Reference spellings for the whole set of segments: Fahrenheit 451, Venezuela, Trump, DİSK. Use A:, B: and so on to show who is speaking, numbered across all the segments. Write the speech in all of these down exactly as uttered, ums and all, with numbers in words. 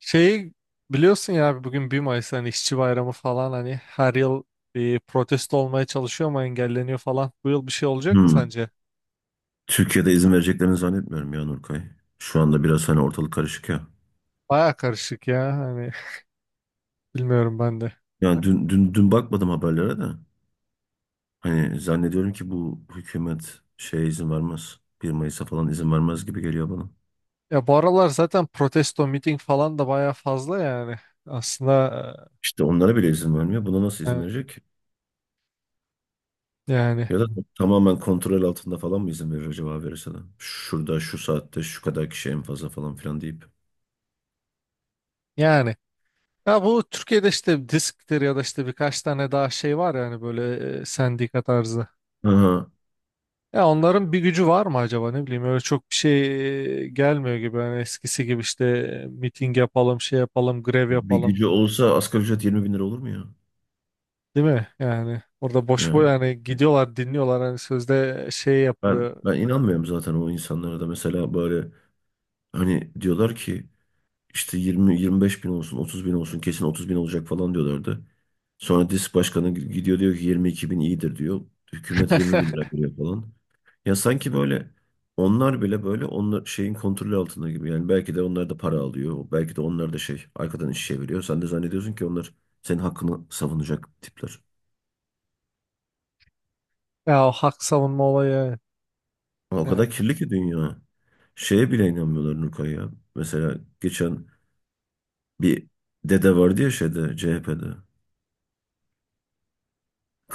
A: Şeyi biliyorsun ya abi, bugün bir Mayıs, hani işçi bayramı falan, hani her yıl bir protesto olmaya çalışıyor ama engelleniyor falan. Bu yıl bir şey olacak mı
B: Hmm.
A: sence?
B: Türkiye'de izin vereceklerini zannetmiyorum ya Nurkay. Şu anda biraz hani ortalık karışık ya.
A: Baya karışık ya, hani bilmiyorum ben de.
B: Yani dün, dün, dün bakmadım haberlere de. Hani zannediyorum ki bu hükümet şeye izin vermez. Bir Mayıs'a falan izin vermez gibi geliyor bana.
A: Ya bu aralar zaten protesto miting falan da baya fazla yani. Aslında
B: İşte onlara bile izin vermiyor. Buna nasıl
A: e,
B: izin
A: e,
B: verecek ki?
A: yani
B: Ya da tamamen kontrol altında falan mı izin verir acaba verirse de? Şurada, şu saatte, şu kadar kişi en fazla falan filan deyip.
A: yani. Ya bu Türkiye'de işte disktir ya da işte birkaç tane daha şey var yani böyle e, sendika tarzı.
B: Aha.
A: Ya onların bir gücü var mı acaba, ne bileyim, öyle çok bir şey gelmiyor gibi yani eskisi gibi işte miting yapalım, şey yapalım, grev
B: Bir bir
A: yapalım,
B: gücü olsa asgari ücret yirmi bin lira olur mu ya?
A: değil mi? Yani orada boş boş
B: Yani
A: yani gidiyorlar, dinliyorlar, hani sözde şey
B: ben,
A: yapılıyor.
B: ben inanmıyorum zaten o insanlara da. Mesela böyle. Hani diyorlar ki işte yirmi yirmi beş bin olsun otuz bin olsun kesin otuz bin olacak falan diyorlardı. Sonra DİSK Başkanı gidiyor diyor ki yirmi iki bin iyidir diyor. Hükümet yirmi bin lira veriyor falan. Ya sanki böyle onlar bile böyle onlar şeyin kontrolü altında gibi. Yani belki de onlar da para alıyor. Belki de onlar da şey arkadan iş çeviriyor. Sen de zannediyorsun ki onlar senin hakkını savunacak tipler.
A: Ya, o hak savunma olayı.
B: Ama o
A: Evet,
B: kadar
A: yani.
B: kirli ki dünya. Şeye bile inanmıyorlar Nurkay ya. Mesela geçen bir dede vardı ya şeyde C H P'de.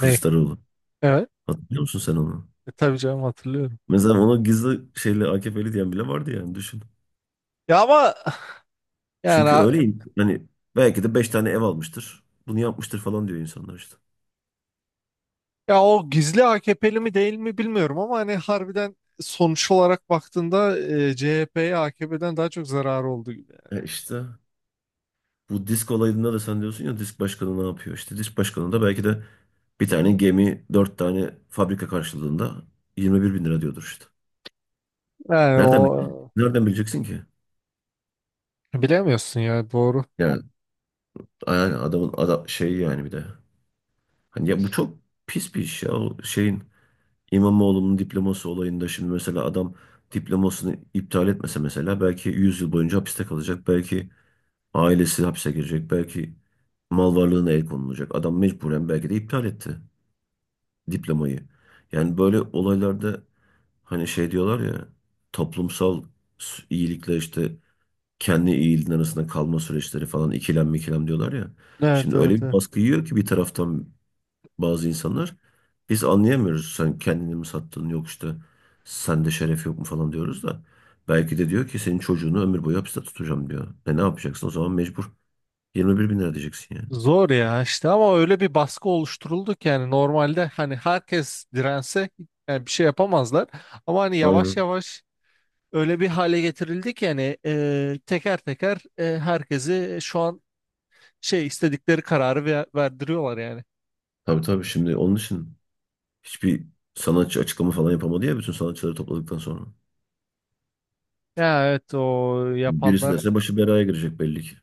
A: Ne? Evet.
B: Hatırlıyor musun sen onu?
A: E, tabii canım, hatırlıyorum.
B: Mesela ona gizli şeyle A K P'li diyen bile vardı yani düşün.
A: Ya ama,
B: Çünkü
A: yani
B: öyle hani belki de beş tane ev almıştır. Bunu yapmıştır falan diyor insanlar işte.
A: ya, o gizli A K P'li mi değil mi bilmiyorum, ama hani harbiden sonuç olarak baktığında e, C H P'ye A K P'den daha çok zararı oldu gibi.
B: E işte bu disk olayında da sen diyorsun ya disk başkanı ne yapıyor? İşte disk başkanı da belki de bir tane gemi dört tane fabrika karşılığında yirmi bir bin lira diyordur işte.
A: Yani
B: Nereden bile-
A: o,
B: nereden bileceksin ki?
A: bilemiyorsun ya, doğru.
B: Yani, yani adamın ada- şey yani bir de. Hani ya bu çok pis bir iş ya o şeyin. İmamoğlu'nun diploması olayında şimdi mesela adam diplomasını iptal etmese mesela belki yüz yıl boyunca hapiste kalacak. Belki ailesi hapse girecek. Belki mal varlığına el konulacak. Adam mecburen belki de iptal etti diplomayı. Yani böyle olaylarda hani şey diyorlar ya toplumsal s- iyilikle işte kendi iyiliğin arasında kalma süreçleri falan ikilem mikilem diyorlar ya.
A: Evet,
B: Şimdi öyle
A: evet,
B: bir
A: evet.
B: baskı yiyor ki bir taraftan bazı insanlar. Biz anlayamıyoruz sen kendini mi sattın yok işte sende şeref yok mu falan diyoruz da. Belki de diyor ki senin çocuğunu ömür boyu hapiste tutacağım diyor. E ne yapacaksın o zaman mecbur yirmi bir bin lira diyeceksin yani.
A: Zor ya işte, ama öyle bir baskı oluşturuldu ki yani normalde hani herkes dirense yani bir şey yapamazlar. Ama hani yavaş
B: Aynen.
A: yavaş öyle bir hale getirildi ki yani, e, teker teker e, herkesi şu an şey, istedikleri kararı ve- verdiriyorlar yani.
B: Tabii tabii şimdi onun için hiçbir sanatçı açıklama falan yapamadı ya bütün sanatçıları topladıktan sonra.
A: Ya evet, o
B: Şimdi birisi
A: yapanlar
B: derse başı belaya girecek belli ki.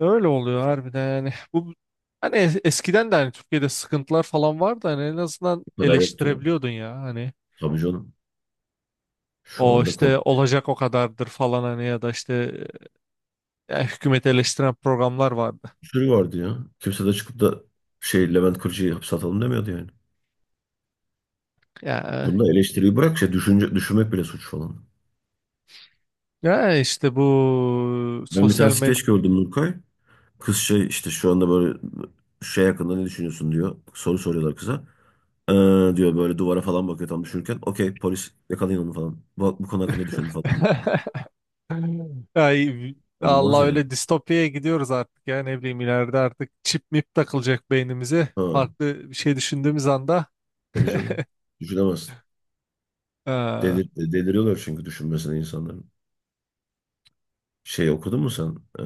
A: öyle oluyor harbiden yani. Bu hani es- eskiden de hani Türkiye'de sıkıntılar falan vardı, hani en azından
B: Bu kadar yok diyor.
A: eleştirebiliyordun ya hani.
B: Tabii canım. Şu
A: O
B: anda
A: işte,
B: korkunç
A: olacak o kadardır falan, hani ya da işte e, hükümeti eleştiren programlar vardı.
B: bir sürü vardı ya. Kimse de çıkıp da şey Levent Kırca'yı hapse atalım demiyordu yani.
A: Ya,
B: Bunda eleştiriyi bırak şey düşünce, düşünmek bile suç falan.
A: eh, ya işte bu
B: Ben bir tane
A: sosyal medya.
B: skeç gördüm Nurkay. Kız şey işte şu anda böyle şey hakkında ne düşünüyorsun diyor. Soru soruyorlar kıza. Ee, diyor böyle duvara falan bakıyor tam düşünürken. Okey polis yakalayın onu falan. Bu, bu konu hakkında düşündü falan diyor.
A: Ay,
B: Anılmaz
A: Allah,
B: yani.
A: öyle distopyaya gidiyoruz artık ya, ne bileyim, ileride artık çip mip takılacak beynimize.
B: Ha,
A: Farklı bir şey düşündüğümüz anda…
B: tabii canım. Düşünemez.
A: Ha.
B: Delir, deliriyorlar çünkü düşünmesine insanların. Şey okudun mu sen? Ee,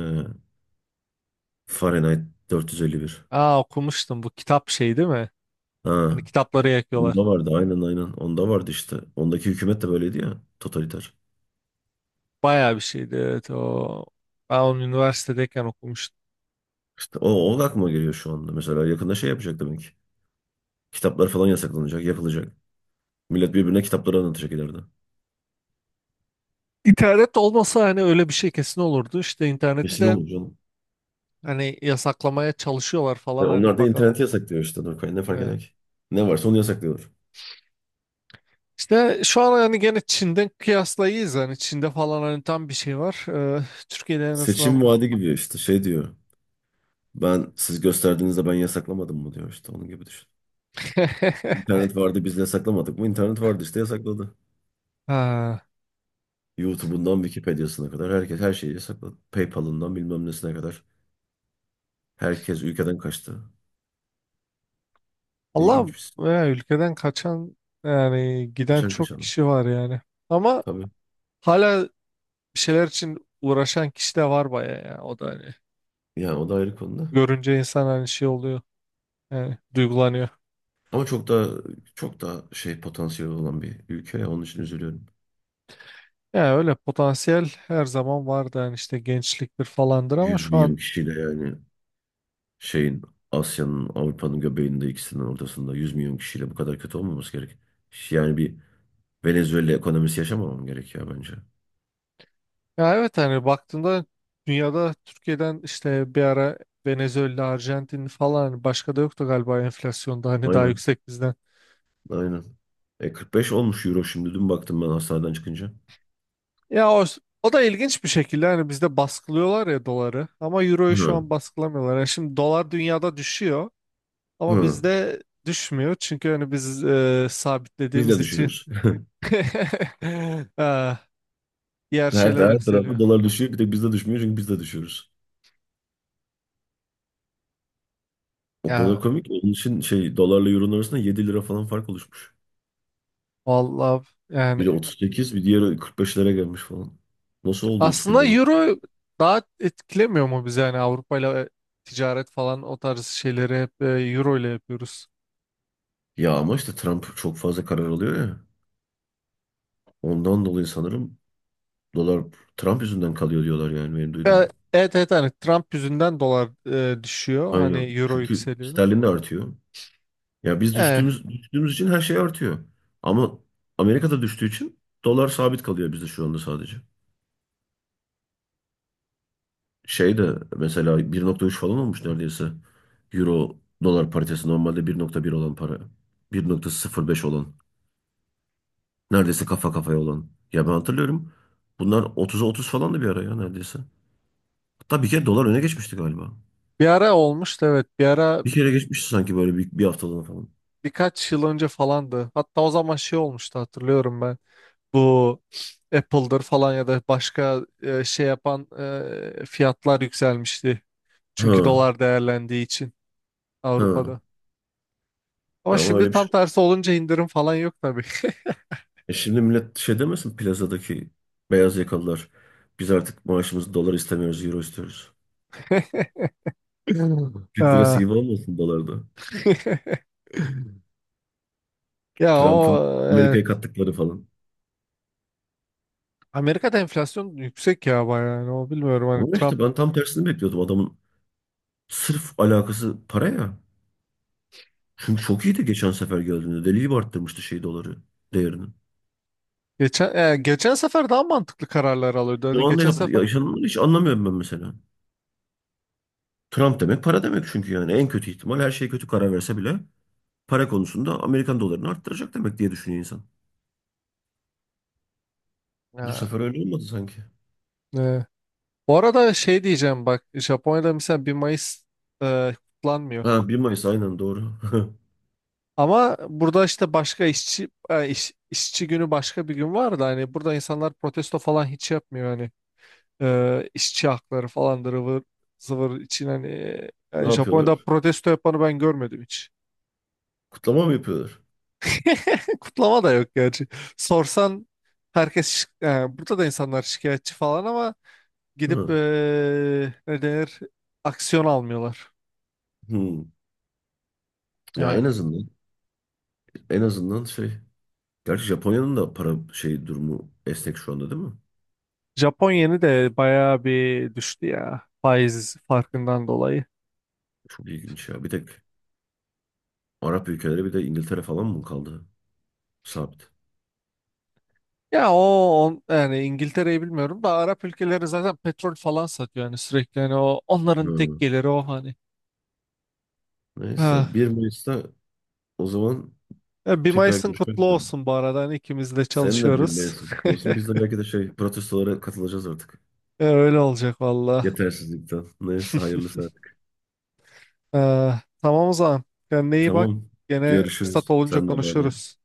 B: Fahrenheit dört yüz elli bir.
A: Aa, okumuştum bu kitap, şey değil mi?
B: Ha,
A: Hani kitapları yakıyorlar.
B: bunda vardı aynen aynen. Onda vardı işte. Ondaki hükümet de böyleydi ya. Totaliter.
A: Bayağı bir şeydi evet o. Ben onu üniversitedeyken okumuştum.
B: İşte o, o da aklıma geliyor şu anda. Mesela yakında şey yapacak demek ki. Kitaplar falan yasaklanacak, yapılacak. Millet birbirine kitapları anlatacak ileride.
A: İnternet olmasa hani öyle bir şey kesin olurdu. İşte interneti
B: Kesin
A: de
B: olur canım.
A: hani yasaklamaya çalışıyorlar
B: E
A: falan, hani
B: onlar da
A: bakalım.
B: interneti yasaklıyor işte Nurkay. Ne fark
A: Ve
B: eder ki? Ne varsa onu yasaklıyorlar.
A: işte şu an hani gene Çin'den kıyaslayız, hani Çin'de falan hani tam bir şey var. Ee, Türkiye'de en azından…
B: Seçim vaadi gibi işte şey diyor. Ben siz gösterdiğinizde ben yasaklamadım mı diyor işte onun gibi düşün. İnternet vardı biz yasaklamadık mı? İnternet vardı işte yasakladı.
A: Ha.
B: YouTube'undan Wikipedia'sına kadar herkes her şeyi yasakladı. PayPal'ından bilmem nesine kadar herkes ülkeden kaçtı. İlginç
A: Allah,
B: bir şey.
A: ya ülkeden kaçan, yani giden
B: Kaçan
A: çok
B: kaçan.
A: kişi var yani. Ama
B: Tabii.
A: hala bir şeyler için uğraşan kişi de var baya ya. O da hani,
B: Yani o da ayrı konuda.
A: görünce insan hani şey oluyor. Yani duygulanıyor.
B: Ama çok daha çok daha şey potansiyeli olan bir ülke ya onun için üzülüyorum.
A: Ya öyle potansiyel her zaman vardı yani, işte gençliktir falandır, ama
B: Yüz
A: şu
B: milyon
A: an…
B: kişiyle yani şeyin Asya'nın Avrupa'nın göbeğinde ikisinin ortasında yüz milyon kişiyle bu kadar kötü olmaması gerek. Yani bir Venezuela ekonomisi yaşamamam gerekiyor bence.
A: Ya evet, hani baktığında dünyada Türkiye'den, işte bir ara Venezuela, Arjantin falan, hani başka da yoktu galiba enflasyonda hani daha
B: Aynen.
A: yüksek bizden.
B: Aynen. E kırk beş olmuş euro şimdi dün baktım ben hastaneden çıkınca.
A: Ya o, o da ilginç bir şekilde hani bizde baskılıyorlar ya doları, ama euroyu şu
B: Hı.
A: an baskılamıyorlar. Yani şimdi dolar dünyada düşüyor ama
B: Hı.
A: bizde düşmüyor, çünkü hani biz e,
B: Biz
A: sabitlediğimiz
B: de
A: için.
B: düşüyoruz.
A: Ha, diğer
B: Her,
A: şeyler
B: her tarafta
A: yükseliyor.
B: dolar düşüyor bir tek bizde düşmüyor çünkü biz de düşüyoruz. O kadar
A: Ya
B: komik. Onun için şey dolarla euronun arasında yedi lira falan fark oluşmuş.
A: vallahi, yani
B: Biri otuz sekiz, bir diğeri kırk beş lira gelmiş falan. Nasıl oldu üç günde
A: aslında
B: böyle?
A: euro daha etkilemiyor mu bizi, yani Avrupa ile ticaret falan, o tarz şeyleri hep e, euro ile yapıyoruz.
B: Ya ama işte Trump çok fazla karar alıyor ya. Ondan dolayı sanırım dolar Trump yüzünden kalıyor diyorlar yani benim
A: E,
B: duyduğum.
A: Evet evet, hani Trump yüzünden dolar e, düşüyor, hani
B: Aynen.
A: euro
B: Çünkü
A: yükseliyor.
B: sterlin de artıyor. Ya biz
A: E,
B: düştüğümüz düştüğümüz için her şey artıyor. Ama Amerika'da düştüğü için dolar sabit kalıyor bizde şu anda sadece. Şey de mesela bir nokta üç falan olmuş neredeyse. Euro dolar paritesi normalde bir nokta bir olan para. Bir nokta sıfır beş olan. Neredeyse kafa kafaya olan. Ya ben hatırlıyorum. Bunlar otuz'a otuz falan da bir ara ya neredeyse. Hatta bir kere dolar öne geçmişti galiba.
A: Bir ara olmuştu evet, bir ara,
B: Bir kere geçmişti sanki böyle bir, bir haftalığına falan.
A: birkaç yıl önce falandı. Hatta o zaman şey olmuştu, hatırlıyorum ben. Bu Apple'dır falan ya da başka e, şey yapan e, fiyatlar yükselmişti.
B: Ha
A: Çünkü dolar değerlendiği için
B: ha.
A: Avrupa'da. Ama
B: Ya ama
A: şimdi
B: öyle bir
A: tam
B: şey.
A: tersi olunca indirim falan yok tabii.
B: E şimdi millet şey demesin plazadaki beyaz yakalılar. Biz artık maaşımızı dolar istemiyoruz, euro istiyoruz. Türk lirası
A: Aa.
B: gibi olmasın dolarda.
A: Ya o,
B: Trump'ın Amerika'ya
A: evet.
B: kattıkları falan.
A: Amerika'da enflasyon yüksek ya bayağı yani, o bilmiyorum hani
B: Ama işte
A: Trump
B: ben tam tersini bekliyordum adamın. Sırf alakası para ya. Çünkü çok iyiydi geçen sefer geldiğinde. Deli gibi arttırmıştı şey doları değerini.
A: geçen e, geçen sefer daha mantıklı kararlar alıyordu.
B: Şu
A: Hani
B: anda
A: geçen
B: yap-
A: sefer…
B: yaşananları hiç anlamıyorum ben mesela. Trump demek para demek çünkü yani en kötü ihtimal her şey kötü karar verse bile para konusunda Amerikan dolarını arttıracak demek diye düşünüyor insan. Bu
A: Ha,
B: sefer öyle olmadı sanki.
A: e, bu arada şey diyeceğim bak, Japonya'da mesela bir Mayıs e, kutlanmıyor.
B: Ha bir Mayıs aynen doğru.
A: Ama burada işte başka işçi e, iş- işçi günü, başka bir gün var da, hani burada insanlar protesto falan hiç yapmıyor hani. Ee, işçi hakları falan da ıvır zıvır için hani, e,
B: Ne
A: yani Japonya'da
B: yapıyorlar?
A: protesto yapanı ben görmedim hiç.
B: Kutlama mı yapıyorlar?
A: Kutlama da yok gerçi. Sorsan, herkes şi- yani burada da insanlar şikayetçi falan, ama gidip
B: Ha.
A: e, ne denir, aksiyon almıyorlar.
B: Hmm. Ya en
A: Yani
B: azından en azından şey. Gerçi Japonya'nın da para şey durumu esnek şu anda değil mi?
A: Japon yeni de bayağı bir düştü ya, faiz farkından dolayı.
B: Çok ilginç ya. Bir tek Arap ülkeleri bir de İngiltere falan mı kaldı? Sabit.
A: Ya o on, yani İngiltere'yi bilmiyorum da, Arap ülkeleri zaten petrol falan satıyor yani sürekli, yani o onların tek
B: Hı.
A: geliri o hani.
B: Neyse bir Mayıs'ta o zaman
A: Ya, bir
B: tekrar
A: Mayıs'ın
B: görüşmek
A: kutlu
B: üzere.
A: olsun bu arada. Hani ikimiz de
B: Senin de bir
A: çalışıyoruz.
B: Mayıs'ın kutlu olsun. Biz de belki de şey protestolara katılacağız artık.
A: E, Öyle olacak valla.
B: Yetersizlikten. Neyse hayırlısı artık.
A: Ee, tamam o zaman. Kendine iyi bak.
B: Tamam.
A: Gene fırsat
B: Görüşürüz.
A: olunca
B: Sen de bay bay.
A: konuşuruz.